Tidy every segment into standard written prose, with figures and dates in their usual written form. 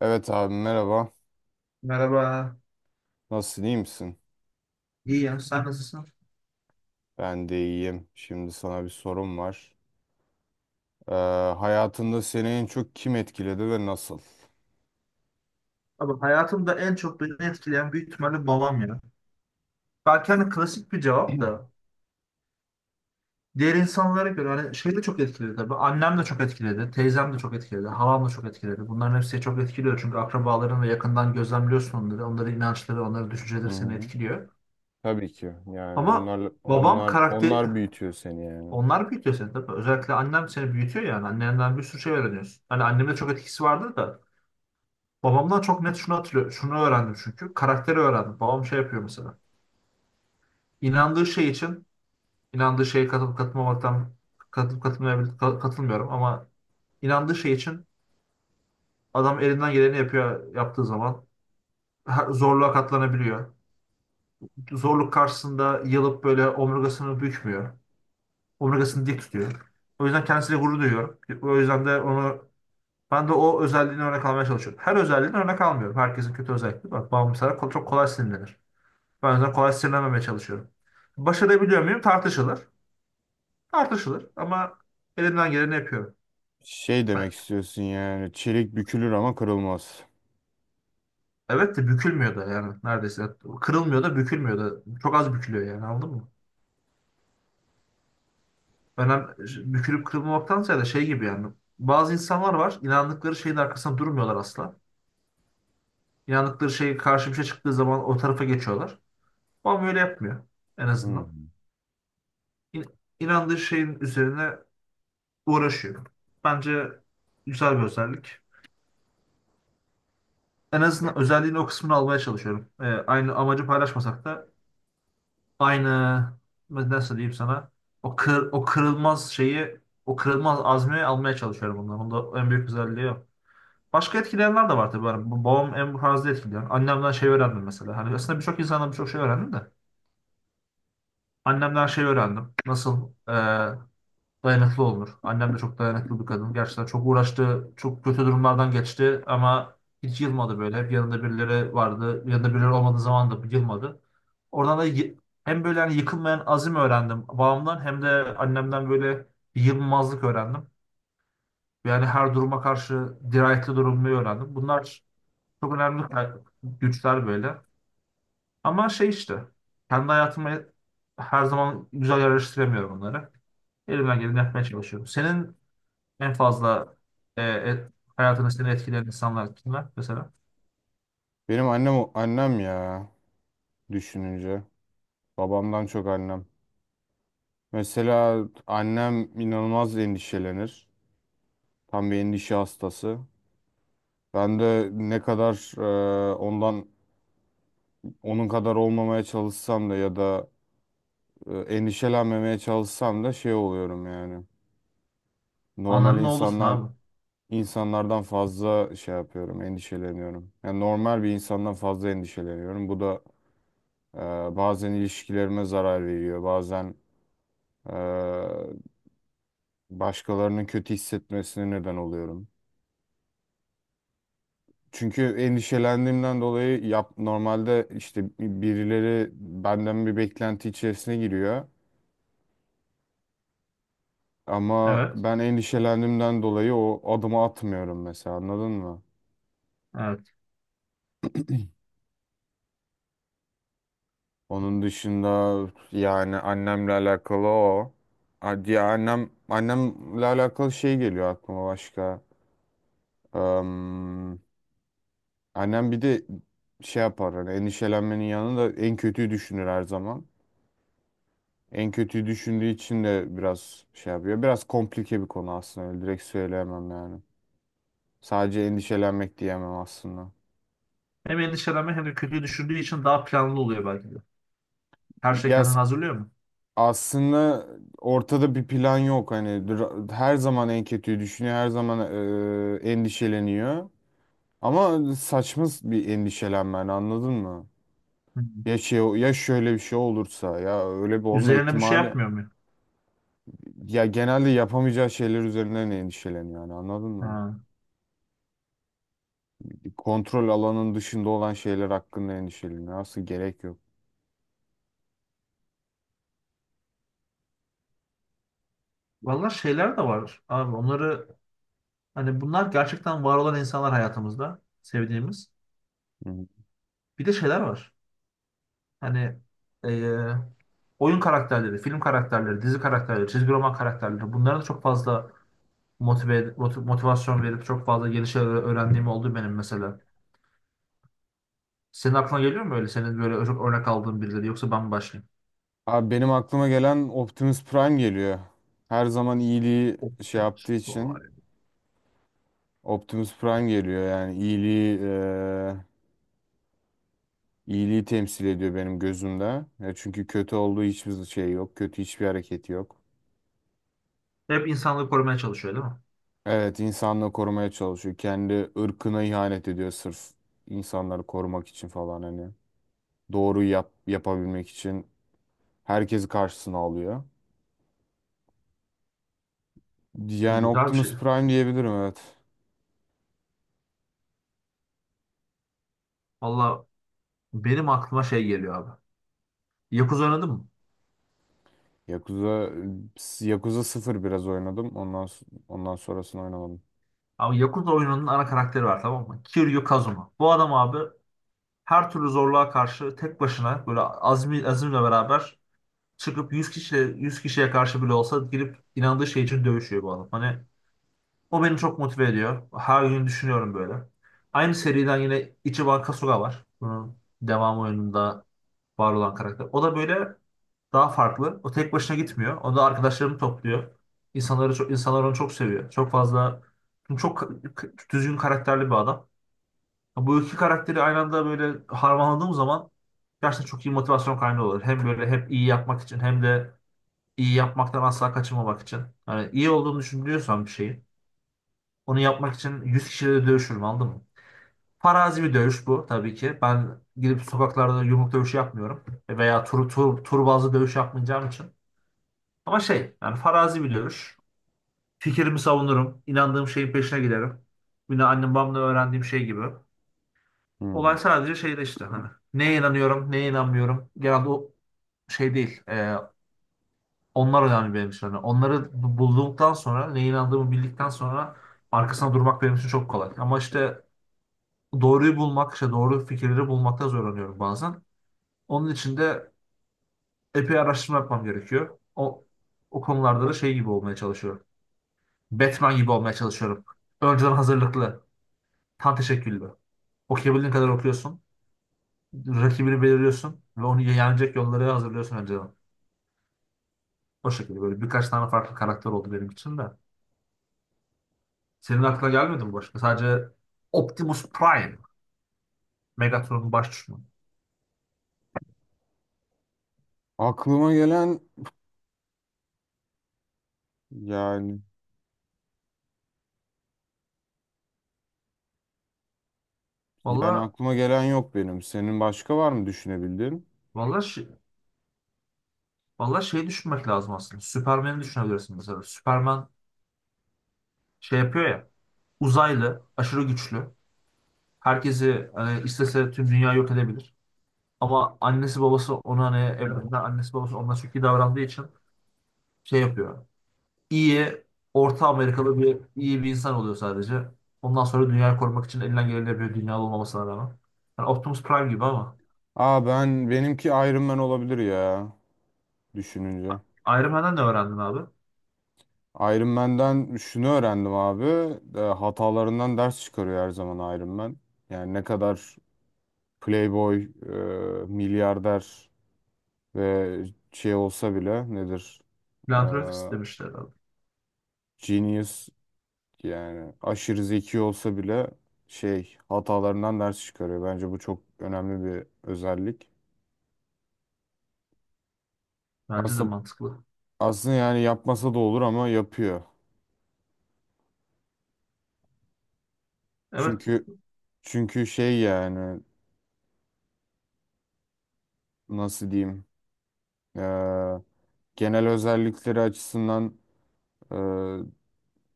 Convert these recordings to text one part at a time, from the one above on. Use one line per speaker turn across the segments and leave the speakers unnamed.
Evet abi, merhaba.
Merhaba.
Nasılsın, iyi misin?
İyi ya. Sen nasılsın?
Ben de iyiyim. Şimdi sana bir sorum var. Ee, Hayatında seni en çok kim etkiledi ve nasıl?
Abi hayatımda en çok beni etkileyen büyük ihtimalle babam ya. Belki hani klasik bir cevap da. Diğer insanlara göre hani şey de çok etkiledi tabii. Annem de çok etkiledi. Teyzem de çok etkiledi. Halam da çok etkiledi. Bunların hepsi çok etkiliyor. Çünkü akrabaların ve yakından gözlemliyorsun onları. Onların inançları, onların
Hı
düşünceleri seni
hı.
etkiliyor.
Tabii ki. Yani
Ama
onlar
babam
onlar
karakter...
onlar büyütüyor seni yani.
Onlar büyütüyor seni tabii. Özellikle annem seni büyütüyor yani. Annenden bir sürü şey öğreniyorsun. Hani annemin de çok etkisi vardır da. Babamdan çok net şunu hatırlıyorum. Şunu öğrendim çünkü. Karakteri öğrendim. Babam şey yapıyor mesela. İnandığı şey için inandığı şeye katılıp katılmamaktan katılıp katılmayabil- ka- katılmıyorum ama inandığı şey için adam elinden geleni yapıyor yaptığı zaman zorluğa katlanabiliyor. Zorluk karşısında yılıp böyle omurgasını bükmüyor. Omurgasını dik tutuyor. O yüzden kendisiyle gurur duyuyorum. O yüzden de onu ben de o özelliğini örnek almaya çalışıyorum. Her özelliğini örnek almıyorum. Herkesin kötü özellikleri var. Babam mesela çok kolay sinirlenir. Ben o yüzden kolay sinirlenmemeye çalışıyorum. Başarabiliyor muyum? Tartışılır. Tartışılır ama elimden geleni yapıyorum.
Şey demek
Ha,
istiyorsun, yani çelik bükülür ama kırılmaz.
evet de bükülmüyor da yani neredeyse. Kırılmıyor da bükülmüyor da. Çok az bükülüyor yani anladın mı? Önem, Bükülüp kırılmamaktansa da şey gibi yani. Bazı insanlar var inandıkları şeyin arkasında durmuyorlar asla. İnandıkları şey karşı bir şey çıktığı zaman o tarafa geçiyorlar. Ama öyle yapmıyor en
Hı hı.
azından. İn, inandığı şeyin üzerine uğraşıyor. Bence güzel bir özellik. En azından özelliğini o kısmını almaya çalışıyorum. Aynı amacı paylaşmasak da aynı nasıl diyeyim sana o kırılmaz şeyi o kırılmaz azmi almaya çalışıyorum bundan. Bunda en büyük özelliği o. Başka etkileyenler de var tabii. Yani babam en fazla etkileyen. Annemden şey öğrendim mesela. Hani aslında birçok insandan birçok şey öğrendim de. Annemden şey öğrendim. Nasıl? Dayanıklı olur. Annem de çok dayanıklı bir kadın. Gerçekten çok uğraştı, çok kötü durumlardan geçti ama hiç yılmadı böyle. Hep yanında birileri vardı. Yanında birileri olmadığı zaman da yılmadı. Oradan da y- Hem böyle hani yıkılmayan azim öğrendim babamdan hem de annemden böyle bir yılmazlık öğrendim. Yani her duruma karşı dirayetli durmayı öğrendim. Bunlar çok önemli güçler böyle. Ama şey işte kendi hayatıma her zaman güzel yerleştiremiyorum bunları. Elimden geleni yapmaya çalışıyorum. Senin en fazla e, et, hayatını seni etkileyen insanlar kimler mesela?
Benim annem ya, düşününce. Babamdan çok annem. Mesela annem inanılmaz endişelenir. Tam bir endişe hastası. Ben de ne kadar ondan onun kadar olmamaya çalışsam da ya da endişelenmemeye çalışsam da şey oluyorum yani. Normal
Ananın oğlusun
insanlar
abi.
insanlardan fazla şey yapıyorum, endişeleniyorum. Yani normal bir insandan fazla endişeleniyorum. Bu da e, bazen ilişkilerime zarar veriyor. Bazen e, başkalarının kötü hissetmesine neden oluyorum. Çünkü endişelendiğimden dolayı normalde işte birileri benden bir beklenti içerisine giriyor. Ama
Evet.
ben endişelendiğimden dolayı o adımı atmıyorum mesela, anladın mı?
Evet.
Onun dışında yani annemle alakalı o. Diye annemle alakalı şey geliyor aklıma başka. Am, Annem bir de şey yapar, hani endişelenmenin yanında en kötüyü düşünür her zaman. En kötüyü düşündüğü için de biraz şey yapıyor. Biraz komplike bir konu aslında. Öyle direkt söyleyemem yani. Sadece endişelenmek diyemem aslında.
Hem endişelenme hem de kötüyü düşündüğü için daha planlı oluyor belki de. Her şey
Ya
kendini
s-
hazırlıyor mu?
Aslında ortada bir plan yok. Her zaman en kötüyü düşünüyor. Her zaman endişeleniyor. Ama saçma bir endişelenme yani, anladın mı?
Hı.
Ya şey, ya şöyle bir şey olursa, ya öyle bir olma
Üzerine bir şey
ihtimali,
yapmıyor mu?
ya genelde yapamayacağı şeyler üzerinden endişeleniyor yani, anladın mı?
Ha.
Kontrol alanın dışında olan şeyler hakkında endişeleniyor. Aslında gerek yok.
Vallahi şeyler de var abi. Onları hani bunlar gerçekten var olan insanlar hayatımızda sevdiğimiz.
Hı.
Bir de şeyler var. Hani e, oyun karakterleri, film karakterleri, dizi karakterleri, çizgi roman karakterleri. Bunların da çok fazla motivasyon verip çok fazla yeni şeyler öğrendiğim oldu benim mesela. Senin aklına geliyor mu öyle? Senin böyle çok örnek aldığın birileri yoksa ben mi başlayayım?
Abi benim aklıma gelen Optimus Prime geliyor. Her zaman iyiliği şey
Optimus
yaptığı için
Prime.
Optimus Prime geliyor. Yani iyiliği iyiliği temsil ediyor benim gözümde. Ya çünkü kötü olduğu hiçbir şey yok. Kötü hiçbir hareketi yok.
Hep insanlığı korumaya çalışıyor değil mi?
Evet, insanlığı korumaya çalışıyor. Kendi ırkına ihanet ediyor sırf insanları korumak için falan hani. Yapabilmek için herkesi karşısına alıyor. Yani
Güzel bir şey.
Optimus Prime diyebilirim, evet.
Valla benim aklıma şey geliyor abi. Yakuza oynadın mı?
Yakuza Yakuza sıfır biraz oynadım. Ondan sonrasını oynamadım.
Abi Yakuza oyununun ana karakteri var tamam mı? Kiryu Kazuma. Bu adam abi her türlü zorluğa karşı tek başına böyle azmi, azimle beraber çıkıp yüz kişiye karşı bile olsa girip inandığı şey için dövüşüyor bu adam. Hani o beni çok motive ediyor. Her gün düşünüyorum böyle. Aynı seriden yine Ichiban Kasuga var. Bunun devam oyununda var olan karakter. O da böyle daha farklı. O tek başına gitmiyor. O da arkadaşlarını topluyor. İnsanları çok, insanlar onu çok seviyor. Çok fazla çünkü çok düzgün karakterli bir adam. Bu iki karakteri aynı anda böyle harmanladığım zaman gerçekten çok iyi motivasyon kaynağı olur. Hem böyle hep iyi yapmak için hem de iyi yapmaktan asla kaçınmamak için. Yani iyi olduğunu düşünüyorsan bir şeyin onu yapmak için 100 kişiyle dövüşürüm anladın mı? Farazi bir dövüş bu tabii ki. Ben gidip sokaklarda yumruk dövüşü yapmıyorum. Veya tur bazlı dövüş yapmayacağım için. Ama şey yani farazi bir dövüş. Fikrimi savunurum. İnandığım şeyin peşine giderim. Yine annem babamdan öğrendiğim şey gibi.
Hmm.
Olay sadece şeyde işte hani. Neye inanıyorum, neye inanmıyorum. Genelde o şey değil. Onlar önemli benim için. Hani onları bulduktan sonra, neye inandığımı bildikten sonra arkasına durmak benim için çok kolay. Ama işte doğruyu bulmak, işte doğru fikirleri bulmakta zorlanıyorum bazen. Onun için de epey araştırma yapmam gerekiyor. O konularda da şey gibi olmaya çalışıyorum. Batman gibi olmaya çalışıyorum. Önceden hazırlıklı, tam teşekküllü. Okuyabildiğin kadar okuyorsun. Rakibini belirliyorsun ve onu yenecek yolları hazırlıyorsun önceden. O şekilde böyle birkaç tane farklı karakter oldu benim için de. Senin aklına gelmedi mi başka? Sadece Optimus Prime, Megatron'un baş düşmanı.
Aklıma gelen yani, yani
Valla,
aklıma gelen yok benim. Senin başka var mı düşünebildiğin?
valla şi- Valla şey düşünmek lazım aslında. Süpermen'i düşünebilirsin mesela. Süperman şey yapıyor ya. Uzaylı, aşırı güçlü. Herkesi hani istese tüm dünya yok edebilir. Ama annesi babası ona hani evlerinden annesi babası ona çok iyi davrandığı için şey yapıyor. İyi, Orta Amerikalı bir iyi bir insan oluyor sadece. Ondan sonra dünyayı korumak için elinden geleni yapıyor dünyalı olmamasına rağmen. Yani Optimus Prime gibi ama.
Aa, ben benimki Iron Man olabilir ya, düşününce.
Iron Man'den ne öğrendin abi?
Iron Man'den şunu öğrendim abi. Hatalarından ders çıkarıyor her zaman Iron Man. Yani ne kadar playboy, milyarder ve şey olsa bile, nedir? Ee,
Philanthropist demişler abi.
Genius, yani aşırı zeki olsa bile şey, hatalarından ders çıkarıyor. Bence bu çok önemli bir özellik.
Bence de
Aslında
mantıklı.
aslında yani yapmasa da olur ama yapıyor.
Evet.
Çünkü çünkü şey yani, nasıl diyeyim? Ee, Genel özellikleri açısından e,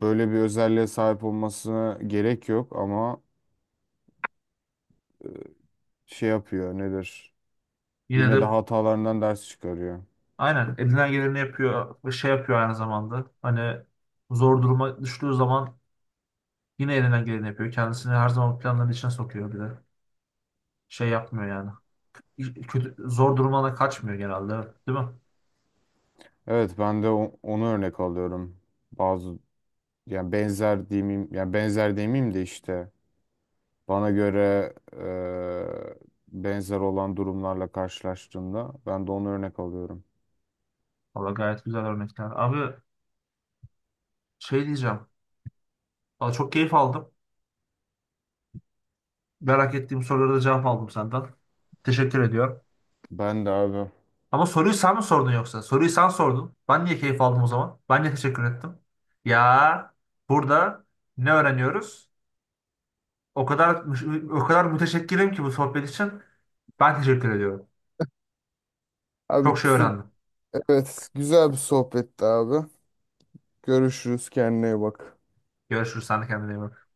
böyle bir özelliğe sahip olmasına gerek yok ama şey yapıyor, nedir?
Yine
Yine de
de
hatalarından ders çıkarıyor.
aynen elinden geleni yapıyor ve şey yapıyor aynı zamanda. Hani zor duruma düştüğü zaman yine elinden geleni yapıyor. Kendisini her zaman planların içine sokuyor bir de. Şey yapmıyor yani. Kötü, zor durumdan kaçmıyor genelde. Evet. Değil mi?
Evet, ben de onu örnek alıyorum. Bazı yani benzer diyeyim, yani benzer demeyeyim de işte bana göre benzer olan durumlarla karşılaştığımda ben de onu örnek alıyorum.
Valla gayet güzel örnekler. Abi şey diyeceğim. Valla çok keyif aldım. Merak ettiğim sorulara da cevap aldım senden. Teşekkür ediyorum.
Ben de abi.
Ama soruyu sen mi sordun yoksa? Soruyu sen sordun. Ben niye keyif aldım o zaman? Ben niye teşekkür ettim? Ya burada ne öğreniyoruz? O kadar o kadar müteşekkirim ki bu sohbet için. Ben teşekkür ediyorum. Çok
Abi
şey
t-
öğrendim.
evet, güzel bir sohbetti abi. Görüşürüz, kendine iyi bak.
Görüşürüz. Sen de kendine iyi bak.